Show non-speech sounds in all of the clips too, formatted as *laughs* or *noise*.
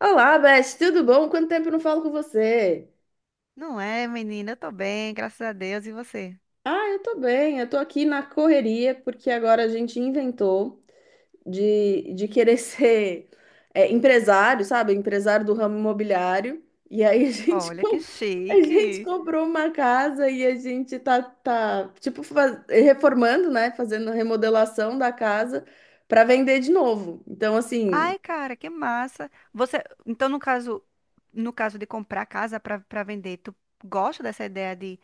Olá, Beth, tudo bom? Quanto tempo eu não falo com você? Não é, menina? Eu tô bem, graças a Deus. E você? Ah, eu tô bem, eu tô aqui na correria porque agora a gente inventou de querer *laughs* ser empresário, sabe? Empresário do ramo imobiliário. E aí a *laughs* Olha que a gente chique. comprou uma casa e a gente tá tipo, reformando, né? Fazendo remodelação da casa para vender de novo. Então, assim, Ai, cara, que massa. Você, então, no caso, no caso de comprar casa pra para vender, tu gosta dessa ideia de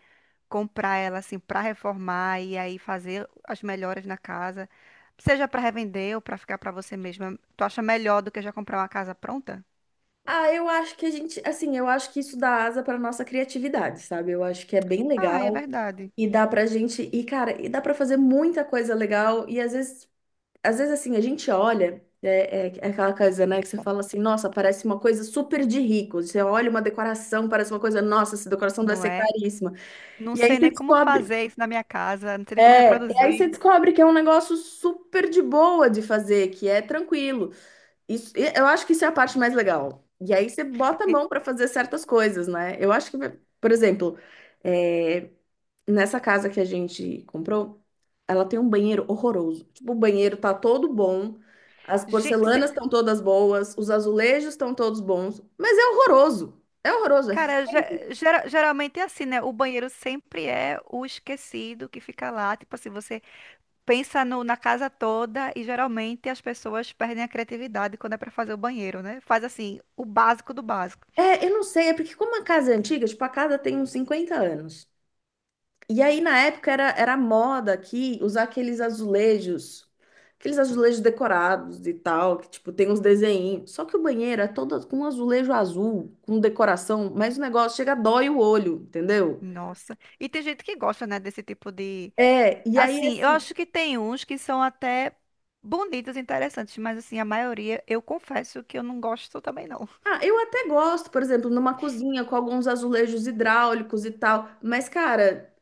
comprar ela assim pra reformar e aí fazer as melhoras na casa, seja pra revender ou pra ficar pra você mesma? Tu acha melhor do que já comprar uma casa pronta? ah, eu acho que a gente, assim, eu acho que isso dá asa para nossa criatividade, sabe? Eu acho que é bem Ah, é legal. verdade. E dá pra gente, e cara, e dá pra fazer muita coisa legal. E às vezes assim, a gente olha, é aquela coisa, né, que você fala assim, nossa, parece uma coisa super de rico. Você olha uma decoração, parece uma coisa, nossa, essa decoração deve Não ser é? caríssima. Não E aí sei você nem como fazer isso na minha casa, não sei nem como e aí reproduzir. você descobre que é um negócio super de boa de fazer, que é tranquilo. Isso, e eu acho que isso é a parte mais legal. E aí você bota a E- mão pra fazer certas coisas, né? Eu acho que, por exemplo, é, nessa casa que a gente comprou, ela tem um banheiro horroroso. Tipo, o banheiro tá todo bom, as Gente, porcelanas estão todas boas, os azulejos estão todos bons, mas é horroroso. É horroroso. Cara, geralmente é assim, né? O banheiro sempre é o esquecido que fica lá. Tipo assim, você pensa na casa toda e geralmente as pessoas perdem a criatividade quando é pra fazer o banheiro, né? Faz assim, o básico do básico. Eu não sei, é porque como a casa é antiga, tipo, a casa tem uns 50 anos. E aí, na época, era moda aqui usar aqueles azulejos decorados e tal, que, tipo, tem uns desenhinhos. Só que o banheiro é todo com azulejo azul, com decoração, mas o negócio chega, dói o olho, entendeu? Nossa. E tem gente que gosta, né, desse tipo de. É, e aí Assim, eu assim, acho que tem uns que são até bonitos, interessantes, mas assim, a maioria, eu confesso que eu não gosto também, não. ah, eu até gosto, por exemplo, numa cozinha com alguns azulejos hidráulicos e tal, mas cara,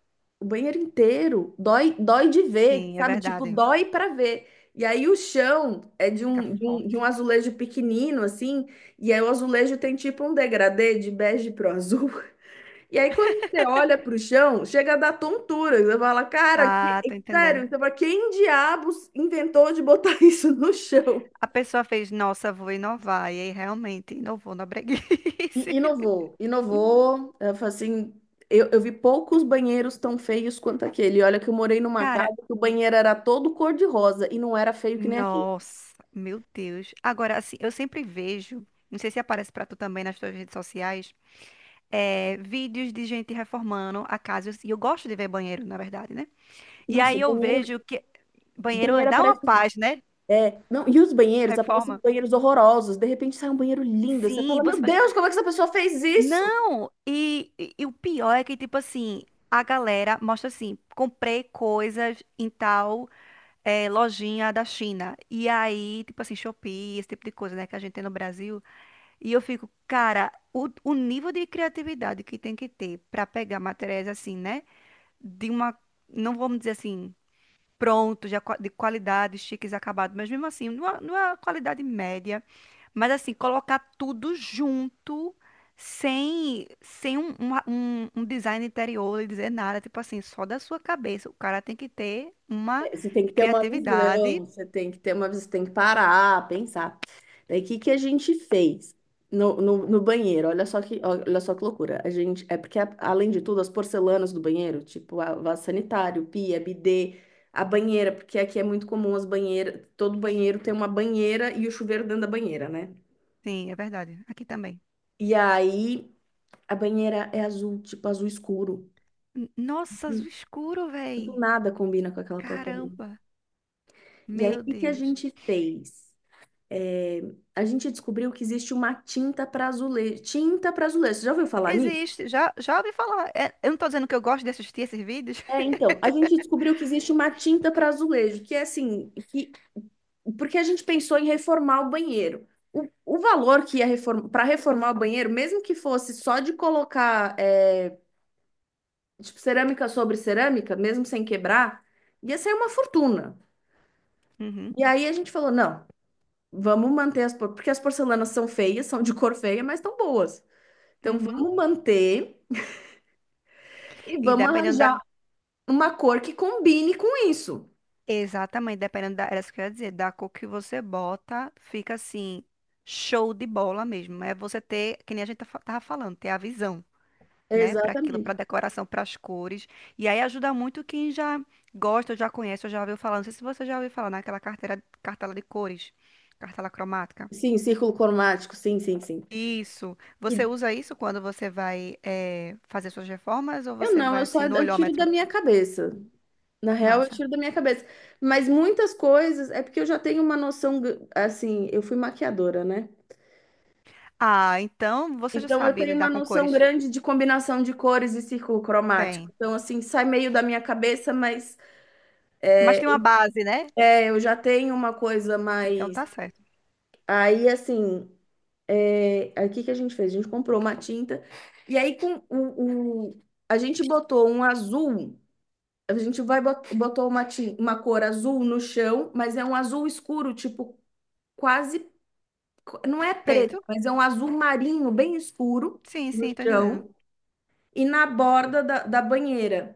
o banheiro inteiro dói de ver, Sim, é sabe? Tipo, verdade. dói pra ver. E aí o chão é de Fica um, de um, de forte. um azulejo pequenino assim, e aí o azulejo tem tipo um degradê de bege pro azul. *laughs* E aí quando você olha pro chão, chega a dar tontura, você fala, cara, Ah, tô sério, entendendo. você fala, quem diabos inventou de botar *laughs* isso no chão? A pessoa fez, nossa, vou inovar. E aí realmente inovou na I- breguice. Inovou, *laughs* inovou. Eu falei assim, eu vi poucos banheiros tão feios quanto aquele. E olha que eu morei numa Cara, casa que o banheiro era todo cor-de-rosa e não era feio que nem aquele. nossa, meu Deus. Agora, assim, eu sempre vejo, não sei se aparece pra tu também nas tuas redes sociais, vídeos de gente reformando a casa. E eu gosto de ver banheiro, na verdade, né? E Nossa, aí eu vejo que o banheiro banheiro dá uma aparece. paz, né? É, não, e os banheiros, aparecem Reforma. banheiros horrorosos. De repente sai um banheiro lindo. Você Sim, fala, você meu faz. Deus, como é que essa pessoa fez isso? Não! E o pior é que, tipo assim, a galera mostra assim: comprei coisas em tal. É, lojinha da China. E aí, tipo assim, Shopee, esse tipo de coisa, né, que a gente tem no Brasil. E eu fico, cara, o nível de criatividade que tem que ter para pegar materiais assim, né, de uma, não vamos dizer assim, pronto, de qualidade, chiques, acabado, mas mesmo assim, numa, numa qualidade média, mas assim, colocar tudo junto. Sem um, um, um design interior e dizer nada, tipo assim, só da sua cabeça. O cara tem que ter uma É, você tem que ter uma criatividade. visão, você tem que ter uma visão, você tem que parar, pensar. Daí, o que que a gente fez no banheiro? Olha só que loucura. A gente, é porque, além de tudo, as porcelanas do banheiro, tipo a vaso sanitário, pia, bidê, a banheira, porque aqui é muito comum as banheiras, todo banheiro tem uma banheira e o chuveiro dentro da banheira, né? Sim, é verdade. Aqui também. E aí, a banheira é azul, tipo azul escuro. Nossa, azul escuro, Tipo, véi. nada combina com aquela porcaria. Caramba. E aí, o Meu que que a Deus. gente fez? A gente descobriu que existe uma tinta para azulejo. Tinta para azulejo, você já ouviu falar nisso? Existe. Já ouvi falar. É, eu não tô dizendo que eu gosto de assistir esses vídeos. É, *laughs* então, a gente descobriu que existe uma tinta para azulejo, que é assim, que, porque a gente pensou em reformar o banheiro. O valor que para reformar o banheiro, mesmo que fosse só de tipo, cerâmica sobre cerâmica, mesmo sem quebrar, ia ser uma fortuna. Uhum, E aí a gente falou, não, vamos manter porque as porcelanas são feias, são de cor feia, mas estão boas. Então uhum. vamos manter. E E vamos dependendo da. arranjar uma cor que combine com isso. Exatamente, dependendo da. Era isso que eu ia dizer. Da cor que você bota, fica assim. Show de bola mesmo. É você ter, que nem a gente tava falando, ter a visão. Né, para aquilo, para Exatamente. decoração, para as cores. E aí ajuda muito quem já gosta, já conhece, ou já ouviu falar. Não sei se você já ouviu falar naquela carteira, cartela de cores, cartela cromática. Sim, círculo cromático, sim, sim, sim. Isso. E Você usa isso quando você vai fazer suas reformas ou eu você não, vai eu só assim no eu tiro da olhômetro? minha cabeça. Na real, eu Massa. tiro da minha cabeça. Mas muitas coisas é porque eu já tenho uma assim, eu fui maquiadora, né? Ah, então você já Então eu sabe tenho uma lidar com noção cores. grande de combinação de cores e círculo cromático. Tem. Então, assim, sai meio da minha cabeça, mas Mas tem uma base, né? Eu já tenho uma coisa Então mais. tá certo. Aí, assim, é, aí o que que a gente fez? A gente comprou uma tinta e aí a gente botou um azul. A gente botou uma cor azul no chão, mas é um azul escuro, tipo quase não é Preto? preto, mas é um azul marinho bem escuro Sim, no sim, tô entendendo. chão e na borda da banheira.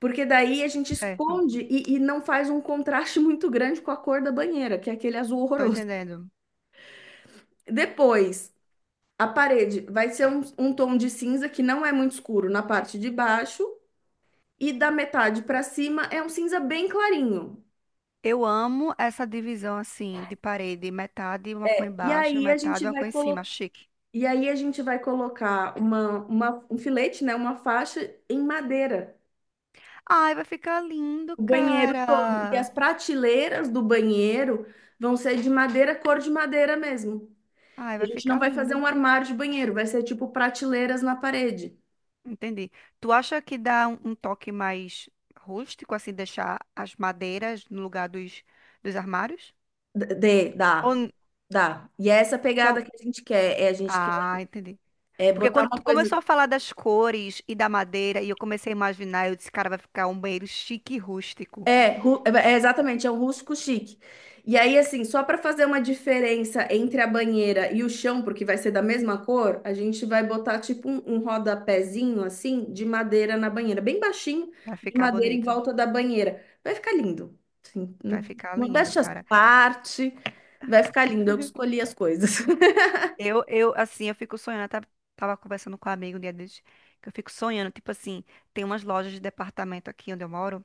Porque daí a gente Certo. esconde e não faz um contraste *laughs* muito grande com a cor da banheira, que é aquele azul Tô horroroso. entendendo. Depois, a parede vai ser um, um tom de cinza que não é muito escuro na parte de baixo, e da metade para cima é um cinza bem clarinho. Eu amo essa divisão assim de parede, metade uma cor E embaixo, aí a gente metade uma cor vai em cima, colocar. chique. E aí a gente vai colocar um filete, né, uma faixa em madeira, Ai, vai ficar lindo, o banheiro todo. E as cara. prateleiras do banheiro vão ser de madeira, cor de madeira mesmo. Ai, E a vai gente não ficar vai fazer um lindo. armário de banheiro, vai ser tipo prateleiras na parede. Entendi. Tu acha que dá um, um toque mais rústico, assim, deixar as madeiras no lugar dos, dos armários? D- Dê, Ou, dá, n- dá. E é essa pegada então, que a gente quer, é a gente ah, entendi. é Porque botar quando uma tu coisa. começou a falar das cores e da madeira, e eu comecei a imaginar, eu disse, cara, vai ficar um banheiro chique e rústico. É, exatamente, é o rústico chique. E aí, assim, só para fazer uma diferença entre a banheira e o chão, porque vai ser da mesma cor, a gente vai botar tipo um rodapézinho assim de madeira na banheira, bem baixinho, Vai de ficar madeira em bonito. volta da banheira. Vai ficar lindo. Assim, né? Vai ficar lindo, Modéstia à cara. parte, vai ficar lindo. Eu que escolhi as coisas. *laughs* Assim, eu fico sonhando. Tava conversando com um amigo um dia desses, que eu fico sonhando. Tipo assim, tem umas lojas de departamento aqui onde eu moro.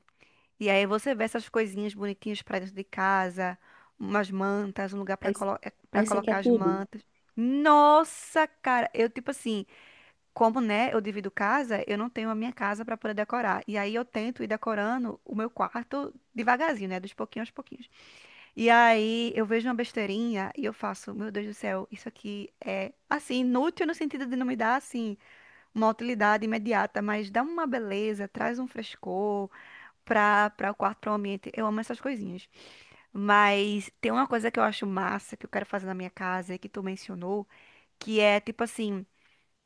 E aí você vê essas coisinhas bonitinhas pra dentro de casa, umas mantas, um lugar pra, Aí, pra aí você colocar quer as tudo? mantas. Nossa, cara, eu, tipo assim, como, né, eu divido casa, eu não tenho a minha casa pra poder decorar. E aí eu tento ir decorando o meu quarto devagarzinho, né, dos pouquinhos aos pouquinhos. E aí eu vejo uma besteirinha e eu faço, meu Deus do céu, isso aqui é assim, inútil no sentido de não me dar assim uma utilidade imediata, mas dá uma beleza, traz um frescor para o quarto, para o ambiente. Eu amo essas coisinhas. Mas tem uma coisa que eu acho massa que eu quero fazer na minha casa e que tu mencionou, que é tipo assim,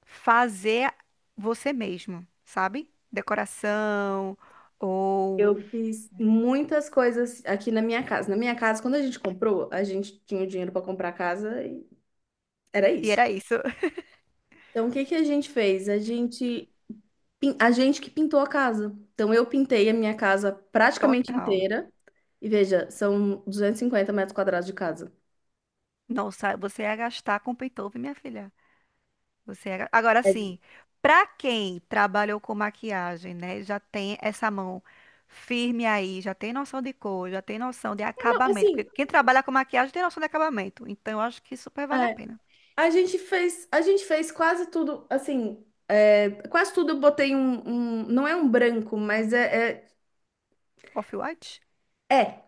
fazer você mesmo, sabe? Decoração ou Eu fiz muitas coisas aqui na minha casa. Na minha casa, quando a gente comprou, a gente tinha o dinheiro para comprar a casa e era e isso. era isso. *laughs* Então, o que que a gente fez? A gente que pintou a casa. Então, eu pintei a minha casa praticamente Total. inteira. E veja, são 250 metros quadrados de casa. Nossa, você ia gastar com Paytove, minha filha. Agora É, sim, para quem trabalhou com maquiagem, né, já tem essa mão firme aí, já tem noção de cor, já tem noção de não, acabamento, assim, porque quem trabalha com maquiagem tem noção de acabamento. Então eu acho que super vale a é, pena. A gente fez quase tudo, assim, é, quase tudo eu botei um não é um branco, mas é, Off-White, é, é.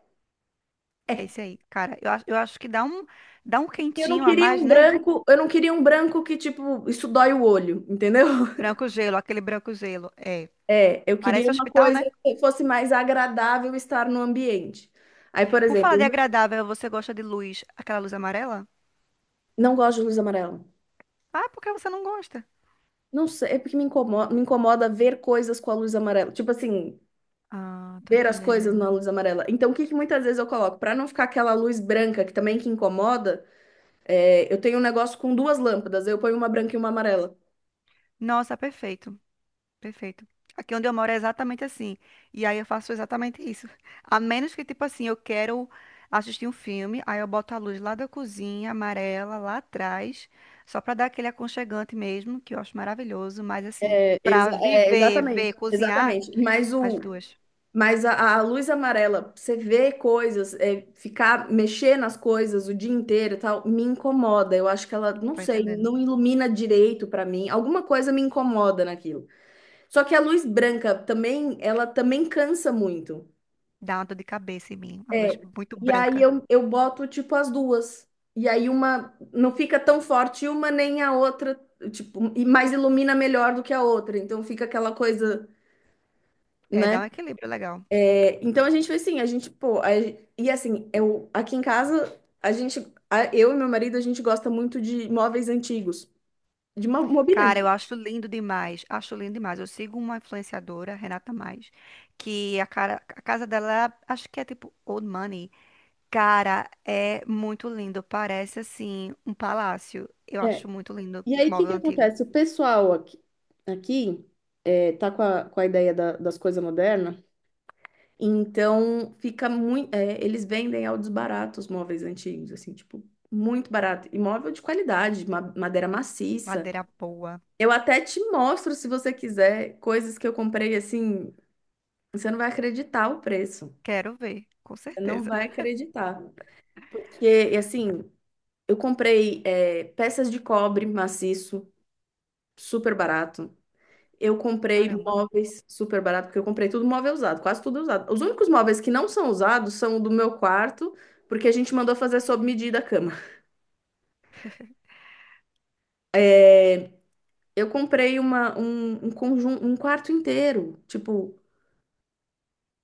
é esse É. aí, cara. Eu acho que dá um Eu não quentinho a queria mais, um né? branco, eu não queria um branco que, tipo, isso dói o olho, entendeu? *laughs* Branco gelo, aquele branco gelo. É, É, eu queria parece uma hospital, coisa né? que fosse mais agradável estar no ambiente. Aí, por Por falar exemplo, de eu agradável, você gosta de luz, aquela luz amarela? não gosto de luz amarela. Ah, porque você não gosta? Não sei, é porque me incomoda ver coisas com a luz amarela. Tipo assim, Ah, tô ver as entendendo. coisas na luz amarela. Então, o que que muitas vezes eu coloco? Para não ficar aquela luz branca que também que incomoda, é, eu tenho um negócio com duas lâmpadas. Eu ponho uma branca e uma amarela. Nossa, perfeito. Perfeito. Aqui onde eu moro é exatamente assim. E aí eu faço exatamente isso. A menos que, tipo assim, eu quero assistir um filme, aí eu boto a luz lá da cozinha, amarela, lá atrás, só pra dar aquele aconchegante mesmo, que eu acho maravilhoso. Mas assim, É, pra viver, exatamente, ver, cozinhar, exatamente. As duas. Mas a luz amarela, você vê coisas, é, ficar, mexer nas coisas o dia inteiro e tal, me incomoda. Eu acho que ela, não Tô sei, entendendo. não ilumina direito pra mim. Alguma coisa me incomoda naquilo. Só que a luz branca também, ela também cansa muito. Dá uma dor de cabeça em mim. Uma luz É. muito E aí branca. eu boto tipo as duas. E aí uma não fica tão forte uma nem a outra, tipo, e mais ilumina melhor do que a outra. Então fica aquela coisa, É, né? dá um equilíbrio legal. Então a gente foi assim, a gente, pô, a- e assim, eu aqui em casa, eu e meu marido, a gente gosta muito de móveis antigos, de mobília Cara, eu antiga. acho lindo demais. Acho lindo demais. Eu sigo uma influenciadora, Renata Mais, que a, cara, a casa dela, é, acho que é tipo Old Money. Cara, é muito lindo. Parece assim um palácio. Eu É. acho muito lindo. E aí, o que que Móvel antigo. acontece? O pessoal aqui, aqui é, tá com a das coisas modernas. Então fica muito, eles vendem ao desbarato os móveis antigos, assim, tipo, muito barato. E móvel de qualidade, madeira maciça. Madeira boa. Eu até te mostro, se você quiser, coisas que eu comprei assim. Você não vai acreditar o preço. Quero ver, com Você não certeza. vai acreditar. Porque, assim, eu comprei peças de cobre maciço, super barato. Eu comprei Caramba. móveis super barato, porque eu comprei tudo móvel usado, quase tudo usado. Os únicos móveis que não são usados são o do meu quarto, porque a gente mandou fazer sob medida a cama. É, eu comprei um conjunto, um quarto inteiro, tipo,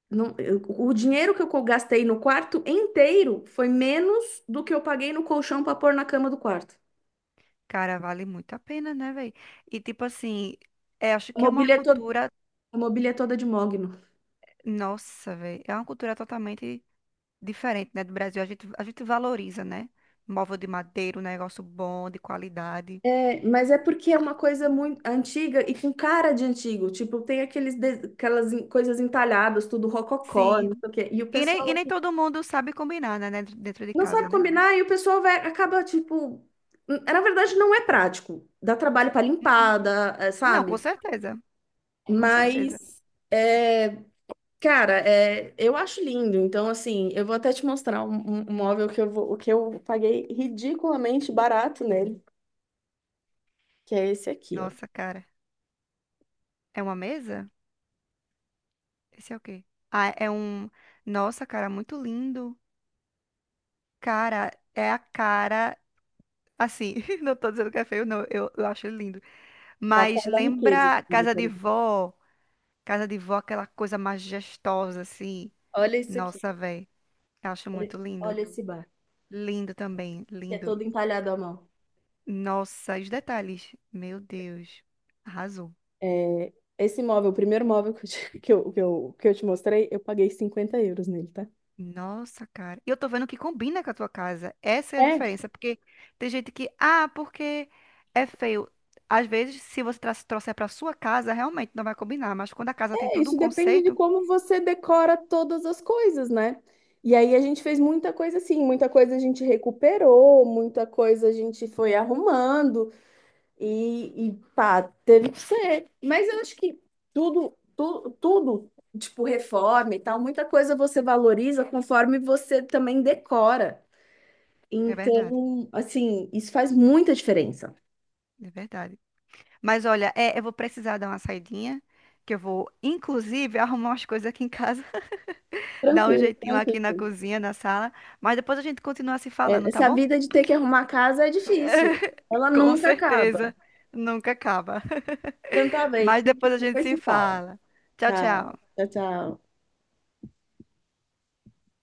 não, o dinheiro que eu gastei no quarto inteiro foi menos do que eu paguei no colchão para pôr na cama do quarto. Cara, vale muito a pena, né, velho? E tipo assim, é, acho A que é uma mobília é toda, cultura. a mobília é toda de mogno. Nossa, velho. É uma cultura totalmente diferente, né, do Brasil. A gente valoriza, né? Móvel de madeira, um negócio bom, de qualidade. É, mas é porque é uma coisa muito antiga e com cara de antigo. Tipo, tem aquelas coisas entalhadas, tudo rococó, não Sim. sei o quê. E o E nem, pessoal e nem aqui todo mundo sabe combinar, né, dentro de não sabe casa, né? combinar e o pessoal vai, acaba, tipo... Na verdade, não é prático. Dá trabalho para Uhum. limpar, dá, é, Não, com sabe? certeza. Com certeza. Mas... é, cara, é, eu acho lindo. Então, assim, eu vou até te mostrar um móvel que que eu paguei ridiculamente barato nele, que é esse aqui, ó. Nossa, cara. É uma mesa? Esse é o quê? Ah, é um. Nossa, cara, muito lindo. Cara, é a cara. Assim, *laughs* não tô dizendo que é feio, não. Eu acho lindo. É a Mas cara da riqueza. Esse lembra cara, casa de peraí. vó? Casa de vó, aquela coisa majestosa, assim. Olha isso aqui. Nossa, eu acho Olha, muito lindo. olha esse bar, Lindo também, que é lindo. todo entalhado à mão. Nossa, os detalhes. Meu Deus. Arrasou. É, esse móvel, o primeiro móvel *laughs* que eu te mostrei, eu paguei 50 euros nele, tá? Nossa, cara. E eu tô vendo que combina com a tua casa. Essa é a É. diferença. Porque tem gente que, ah, porque é feio. Às vezes, se você trouxer pra sua casa, realmente não vai combinar. Mas quando a casa tem É, todo um isso depende de conceito, como você decora todas as coisas, né? E aí a gente fez muita coisa assim, muita coisa a gente recuperou, muita coisa a gente foi arrumando e pá, teve que ser. Mas eu acho que tudo, tipo reforma e tal, muita coisa você valoriza conforme você também decora. é verdade. Então, assim, isso faz muita diferença. É verdade. Mas olha, é, eu vou precisar dar uma saidinha. Que eu vou, inclusive, arrumar umas coisas aqui em casa. Dá um Tranquilo, jeitinho aqui na tranquilo. cozinha, na sala. Mas depois a gente continua se É, falando, tá essa bom? vida de ter que arrumar casa é difícil. Ela *laughs* Com nunca acaba. certeza. Nunca acaba. Então *laughs* tá bem, Mas depois a gente depois se se fala. fala. Tchau, Tá. tchau. Tchau, tchau.